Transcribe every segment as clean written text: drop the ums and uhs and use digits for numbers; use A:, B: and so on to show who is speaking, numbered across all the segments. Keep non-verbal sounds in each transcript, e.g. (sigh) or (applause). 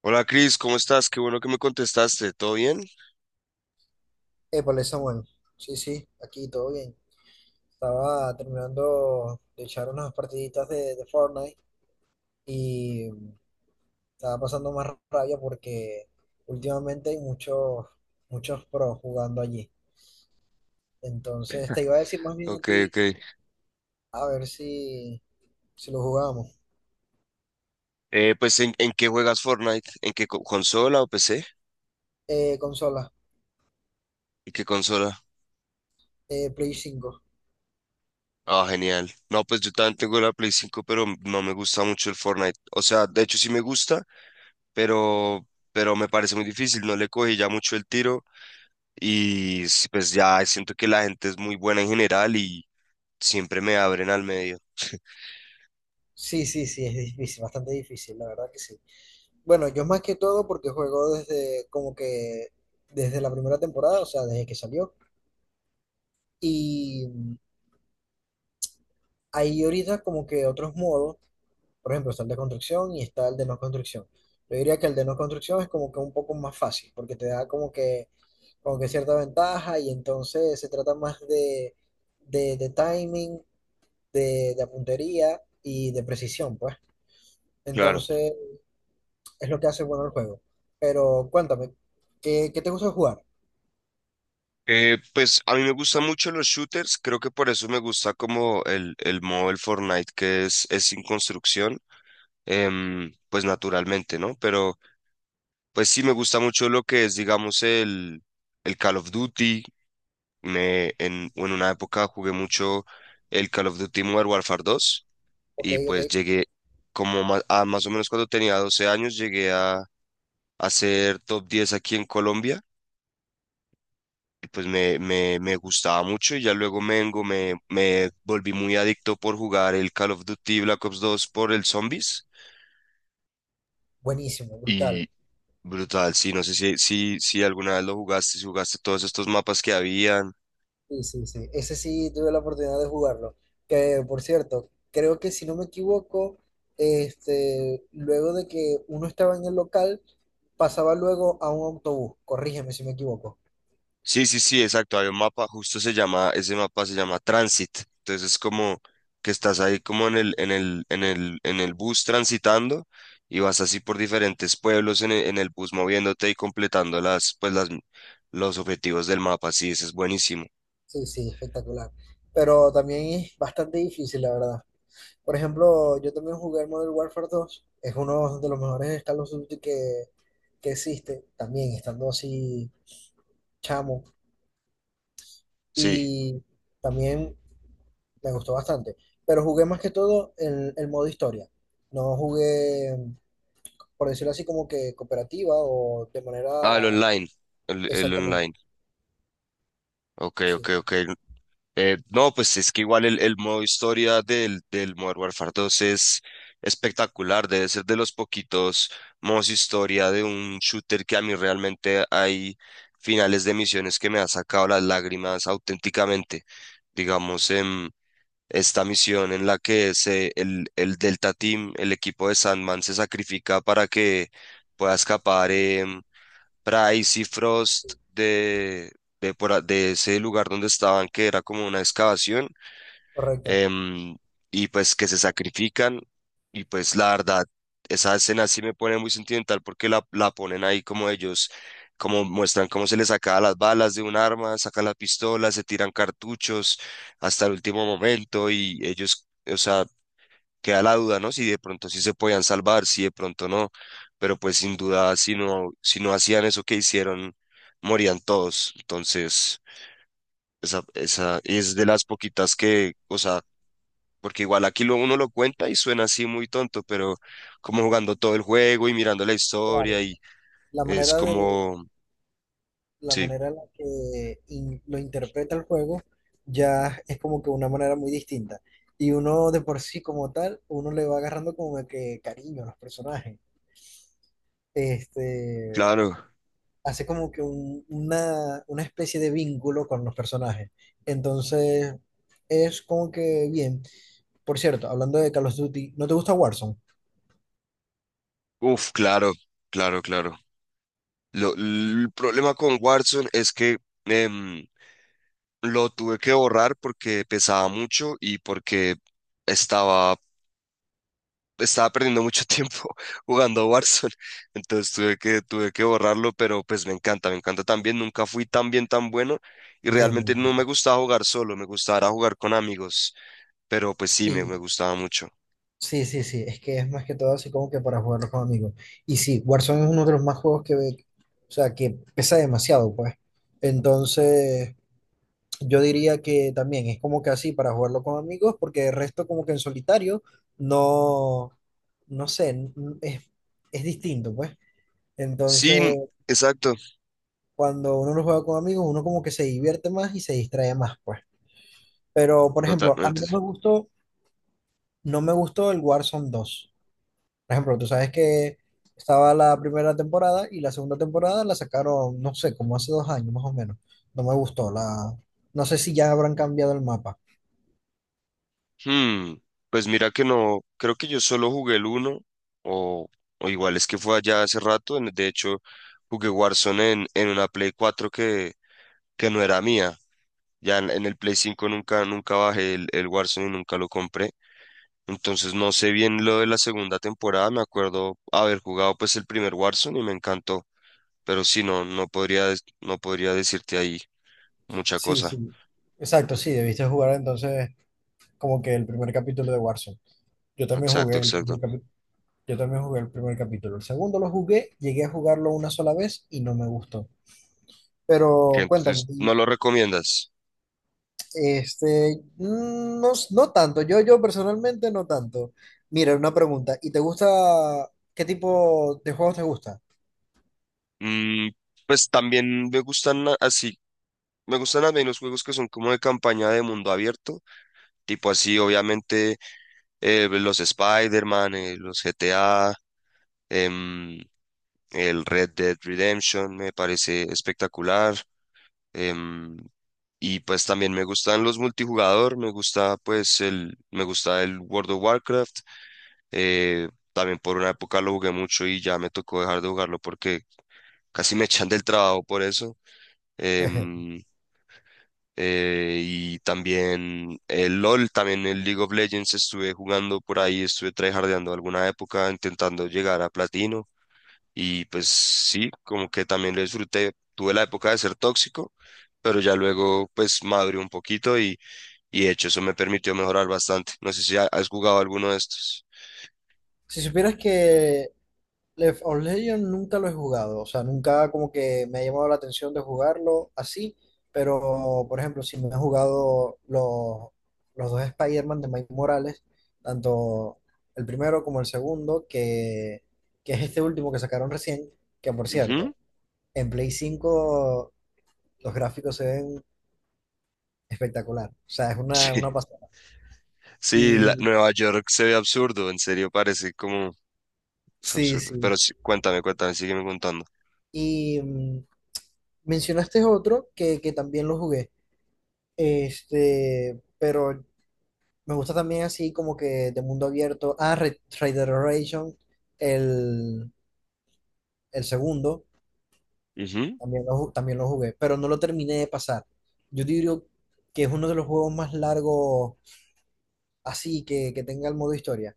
A: Hola Cris, ¿cómo estás? Qué bueno que me contestaste. ¿Todo bien?
B: Épale, Samuel. Sí, sí, aquí todo bien. Estaba terminando de echar unas partiditas de Fortnite y estaba pasando más rabia porque últimamente hay muchos pros jugando allí. Entonces te iba a decir más bien a
A: Ok,
B: ti,
A: ok.
B: a ver si lo jugamos.
A: ¿En qué juegas Fortnite? ¿En qué consola o PC?
B: Consola,
A: ¿Y qué consola?
B: Play 5.
A: Ah, genial. No, pues yo también tengo la Play 5, pero no me gusta mucho el Fortnite. O sea, de hecho sí me gusta, pero, pero me parece muy difícil. No le cogí ya mucho el tiro y pues ya siento que la gente es muy buena en general y siempre me abren al medio.
B: Sí, sí, sí, es difícil, bastante difícil, la verdad que sí. Bueno, yo más que todo porque juego desde como que desde la primera temporada, o sea, desde que salió. Y mm, Hay ahorita como que otros modos, por ejemplo, está el de construcción y está el de no construcción. Yo diría que el de no construcción es como que un poco más fácil, porque te da como que cierta ventaja y entonces se trata más de timing, de puntería y de precisión, pues.
A: Claro.
B: Entonces es lo que hace bueno el juego. Pero cuéntame, ¿ qué te gusta jugar?
A: Pues a mí me gustan mucho los shooters, creo que por eso me gusta como el modo del Fortnite que es sin construcción, pues naturalmente, ¿no? Pero pues sí me gusta mucho lo que es, digamos, el Call of Duty. En una época jugué mucho el Call of Duty Modern Warfare 2,
B: Ok,
A: y
B: ok,
A: pues llegué como más o menos cuando tenía 12 años, llegué a ser top 10 aquí en Colombia, y pues me gustaba mucho, y ya luego me volví muy adicto por jugar el Call of Duty Black Ops 2 por el Zombies,
B: buenísimo,
A: y
B: brutal.
A: brutal, sí, no sé si alguna vez lo jugaste, si jugaste todos estos mapas que había.
B: Sí, sí, sí. Ese sí tuve la oportunidad de jugarlo. Que por cierto, creo que si no me equivoco, este, luego de que uno estaba en el local, pasaba luego a un autobús. Corrígeme si me equivoco.
A: Sí, sí, sí, exacto. Hay un mapa, justo se llama, ese mapa se llama Transit. Entonces es como que estás ahí como en en el bus transitando, y vas así por diferentes pueblos en en el bus moviéndote y completando las, los objetivos del mapa. Sí, ese es buenísimo.
B: Sí, sí, espectacular. Pero también es bastante difícil, la verdad. Por ejemplo, yo también jugué el Modern Warfare dos. Es uno de los mejores Call of Duty que existe. También estando así chamo.
A: Sí.
B: Y también me gustó bastante. Pero jugué más que todo el modo historia. No jugué, por decirlo así, como que cooperativa o de
A: Ah, el
B: manera
A: online. El
B: exactamente.
A: online. Ok, ok,
B: Sí,
A: ok. No, pues es que igual el modo historia del Modern Warfare 2 es espectacular, debe ser de los poquitos modos historia de un shooter que a mí realmente hay finales de misiones que me han sacado las lágrimas auténticamente. Digamos, en esta misión en la que el Delta Team, el equipo de Sandman, se sacrifica para que pueda escapar. Price y Frost de ese lugar donde estaban, que era como una excavación,
B: correcto.
A: em, y pues que se sacrifican. Y pues la verdad, esa escena sí me pone muy sentimental porque la ponen ahí como ellos, como muestran cómo se les saca las balas de un arma, sacan las pistolas, se tiran cartuchos hasta el último momento y ellos, o sea, queda la duda, ¿no? Si de pronto sí se podían salvar, si de pronto no, pero pues sin duda, si no, si no hacían eso que hicieron, morían todos. Entonces, esa es de las poquitas que, o sea, porque igual aquí lo, uno lo cuenta y suena así muy tonto, pero como jugando todo el juego y mirando la
B: Claro.
A: historia y
B: La
A: es
B: manera de,
A: como,
B: la
A: sí,
B: manera en la que lo interpreta el juego ya es como que una manera muy distinta. Y uno de por sí como tal, uno le va agarrando como que cariño a los personajes. Este,
A: claro,
B: hace como que una especie de vínculo con los personajes. Entonces, es como que bien. Por cierto, hablando de Call of Duty, ¿no te gusta Warzone?
A: uf, claro, claro, claro. El problema con Warzone es que... em, Lo tuve que borrar porque pesaba mucho y porque estaba, estaba perdiendo mucho (laughs) tiempo jugando a Warzone. Entonces tuve que borrarlo, pero pues me encanta también. Nunca fui tan bien, tan bueno, y
B: Entiendo,
A: realmente no me
B: entiendo.
A: gustaba jugar solo, me gustaba era jugar con amigos, pero pues sí, me
B: Sí,
A: gustaba mucho.
B: sí, sí, sí. Es que es más que todo así como que para jugarlo con amigos. Y sí, Warzone es uno de los más juegos o sea, que pesa demasiado, pues. Entonces, yo diría que también es como que así para jugarlo con amigos, porque el resto como que en solitario, no, no sé, es, es distinto, pues. Entonces,
A: Sí, exacto,
B: cuando uno lo juega con amigos, uno como que se divierte más y se distrae más, pues. Pero, por ejemplo, a mí
A: totalmente.
B: no me gustó el Warzone dos. Por ejemplo, tú sabes que estaba la primera temporada y la segunda temporada la sacaron, no sé, como hace dos años más o menos. No me gustó la... No sé si ya habrán cambiado el mapa.
A: Hmm, pues mira que no, creo que yo solo jugué el uno o, o igual es que fue allá hace rato, de hecho jugué Warzone en una Play 4 que no era mía, ya en el Play 5 nunca, nunca bajé el Warzone y nunca lo compré, entonces no sé bien lo de la segunda temporada, me acuerdo haber jugado pues el primer Warzone y me encantó, pero sí, no, no podría, no podría decirte ahí mucha
B: Sí,
A: cosa,
B: sí. Exacto, sí, debiste jugar entonces como que el primer capítulo de Warzone. Yo también
A: exacto,
B: jugué el primer
A: exacto,
B: capítulo. Yo también jugué el primer capítulo. El segundo lo jugué, llegué a jugarlo una sola vez y no me gustó.
A: que
B: Pero cuéntame,
A: entonces no
B: y,
A: lo recomiendas.
B: no, no tanto, yo personalmente no tanto. Mira, una pregunta, ¿y te gusta, qué tipo de juegos te gusta?
A: Mm, pues también me gustan así, me gustan también los juegos que son como de campaña de mundo abierto, tipo así, obviamente, los Spider-Man, los GTA, em, el Red Dead Redemption me parece espectacular. em, y pues también me gustan los multijugador, me gusta pues el, me gusta el World of Warcraft. eh, También por una época lo jugué mucho y ya me tocó dejar de jugarlo porque casi me echan del trabajo por eso.
B: (laughs)
A: Em, y también el LOL, también el League of Legends estuve jugando por ahí, estuve tryhardeando alguna época intentando llegar a platino, y pues sí, como que también lo disfruté. Tuve la época de ser tóxico, pero ya luego pues maduré un poquito y de hecho eso me permitió mejorar bastante. No sé si has jugado alguno de estos.
B: Si supieras que Left 4 Legend nunca lo he jugado, o sea, nunca como que me ha llamado la atención de jugarlo así, pero por ejemplo, si me he jugado los dos Spider-Man de Mike Morales, tanto el primero como el segundo, que es este último que sacaron recién, que por
A: Ujú.
B: cierto,
A: (laughs)
B: en Play cinco los gráficos se ven espectacular, o sea, es
A: Sí,
B: una pasada.
A: sí,
B: Y
A: Nueva York se ve absurdo, en serio parece como es
B: sí,
A: absurdo.
B: sí.
A: Pero sí, cuéntame, cuéntame, sígueme contando.
B: Y mm, mencionaste otro que también lo jugué. Este, pero me gusta también así como que de mundo abierto. Ah, Red Dead Redemption, el, el segundo,
A: Ujú.
B: también también lo jugué, pero no lo terminé de pasar. Yo diría que es uno de los juegos más largos así que tenga el modo historia.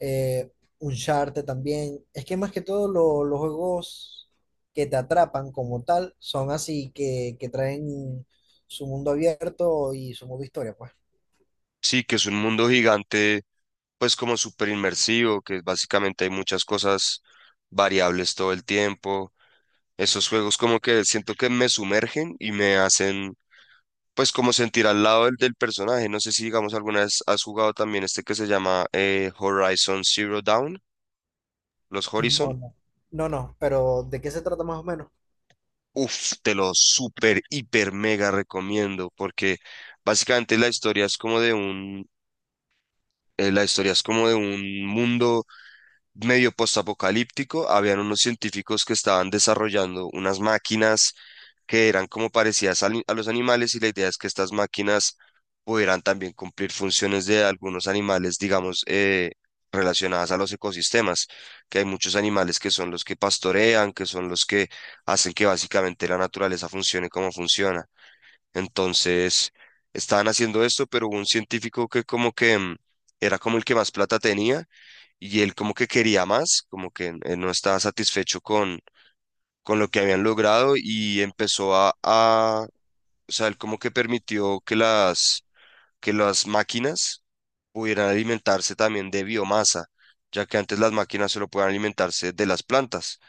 B: Eh, Uncharted también. Es que más que todo los juegos que te atrapan como tal son así que traen su mundo abierto y su modo historia, pues.
A: Sí, que es un mundo gigante pues como súper inmersivo, que básicamente hay muchas cosas variables todo el tiempo. Esos juegos como que siento que me sumergen y me hacen pues como sentir al lado del personaje. No sé si digamos alguna vez has jugado también este que se llama Horizon Zero Dawn, los
B: Mm,
A: Horizon.
B: ¿no? No, no, pero ¿de qué se trata más o menos?
A: Uf, te lo súper, hiper, mega recomiendo porque básicamente la historia es como de un, la historia es como de un mundo medio postapocalíptico, habían unos científicos que estaban desarrollando unas máquinas que eran como parecidas a los animales, y la idea es que estas máquinas pudieran también cumplir funciones de algunos animales, digamos, relacionadas a los ecosistemas, que hay muchos animales que son los que pastorean, que son los que hacen que básicamente la naturaleza funcione como funciona. Entonces, estaban haciendo esto, pero hubo un científico que como que era como el que más plata tenía, y él como que quería más, como que él no estaba satisfecho con lo que habían logrado y empezó a, o sea, él como que permitió que que las máquinas pudieran alimentarse también de biomasa, ya que antes las máquinas solo podían alimentarse de las plantas.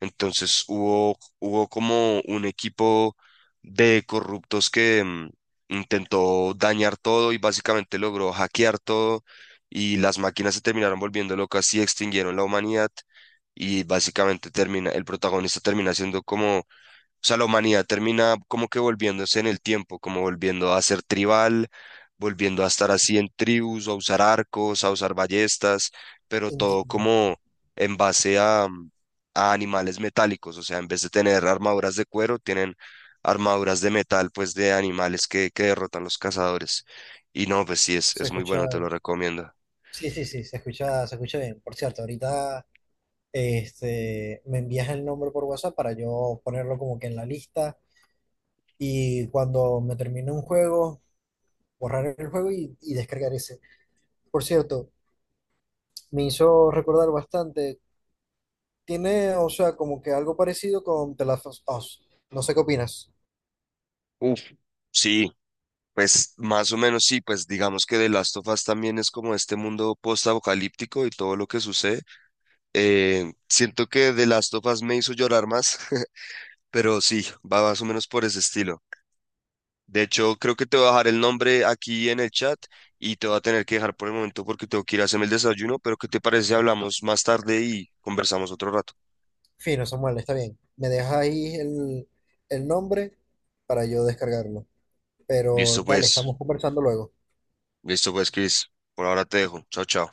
A: Entonces hubo como un equipo de corruptos que intentó dañar todo y básicamente logró hackear todo, y las máquinas se terminaron volviendo locas y extinguieron la humanidad, y básicamente termina, el protagonista termina siendo como o sea, la humanidad termina como que volviéndose en el tiempo, como volviendo a ser tribal, volviendo a estar así en tribus, a usar arcos, a usar ballestas, pero
B: Enti-
A: todo como en base a animales metálicos. O sea, en vez de tener armaduras de cuero, tienen armaduras de metal, pues de animales que derrotan los cazadores. Y no, pues sí,
B: Se
A: es muy
B: escucha,
A: bueno, te lo recomiendo.
B: sí, sí, sí, se escucha bien. Por cierto, ahorita este, me envías el nombre por WhatsApp para yo ponerlo como que en la lista y cuando me termine un juego, borrar el juego y descargar ese. Por cierto, me hizo recordar bastante. Tiene, o sea, como que algo parecido con The Last of Us. No sé qué opinas.
A: Uf. Sí, pues más o menos sí, pues digamos que The Last of Us también es como este mundo post-apocalíptico y todo lo que sucede. Siento que The Last of Us me hizo llorar más, (laughs) pero sí, va más o menos por ese estilo. De hecho, creo que te voy a dejar el nombre aquí en el chat y te voy a tener que dejar por el momento porque tengo que ir a hacerme el desayuno, pero ¿qué te parece si hablamos más tarde y conversamos otro rato?
B: Fino, Samuel, está bien. Me dejas ahí el nombre para yo descargarlo. Pero
A: Listo
B: dale,
A: pues,
B: estamos conversando luego.
A: listo pues, Chris. Por ahora te dejo. Chao, chao.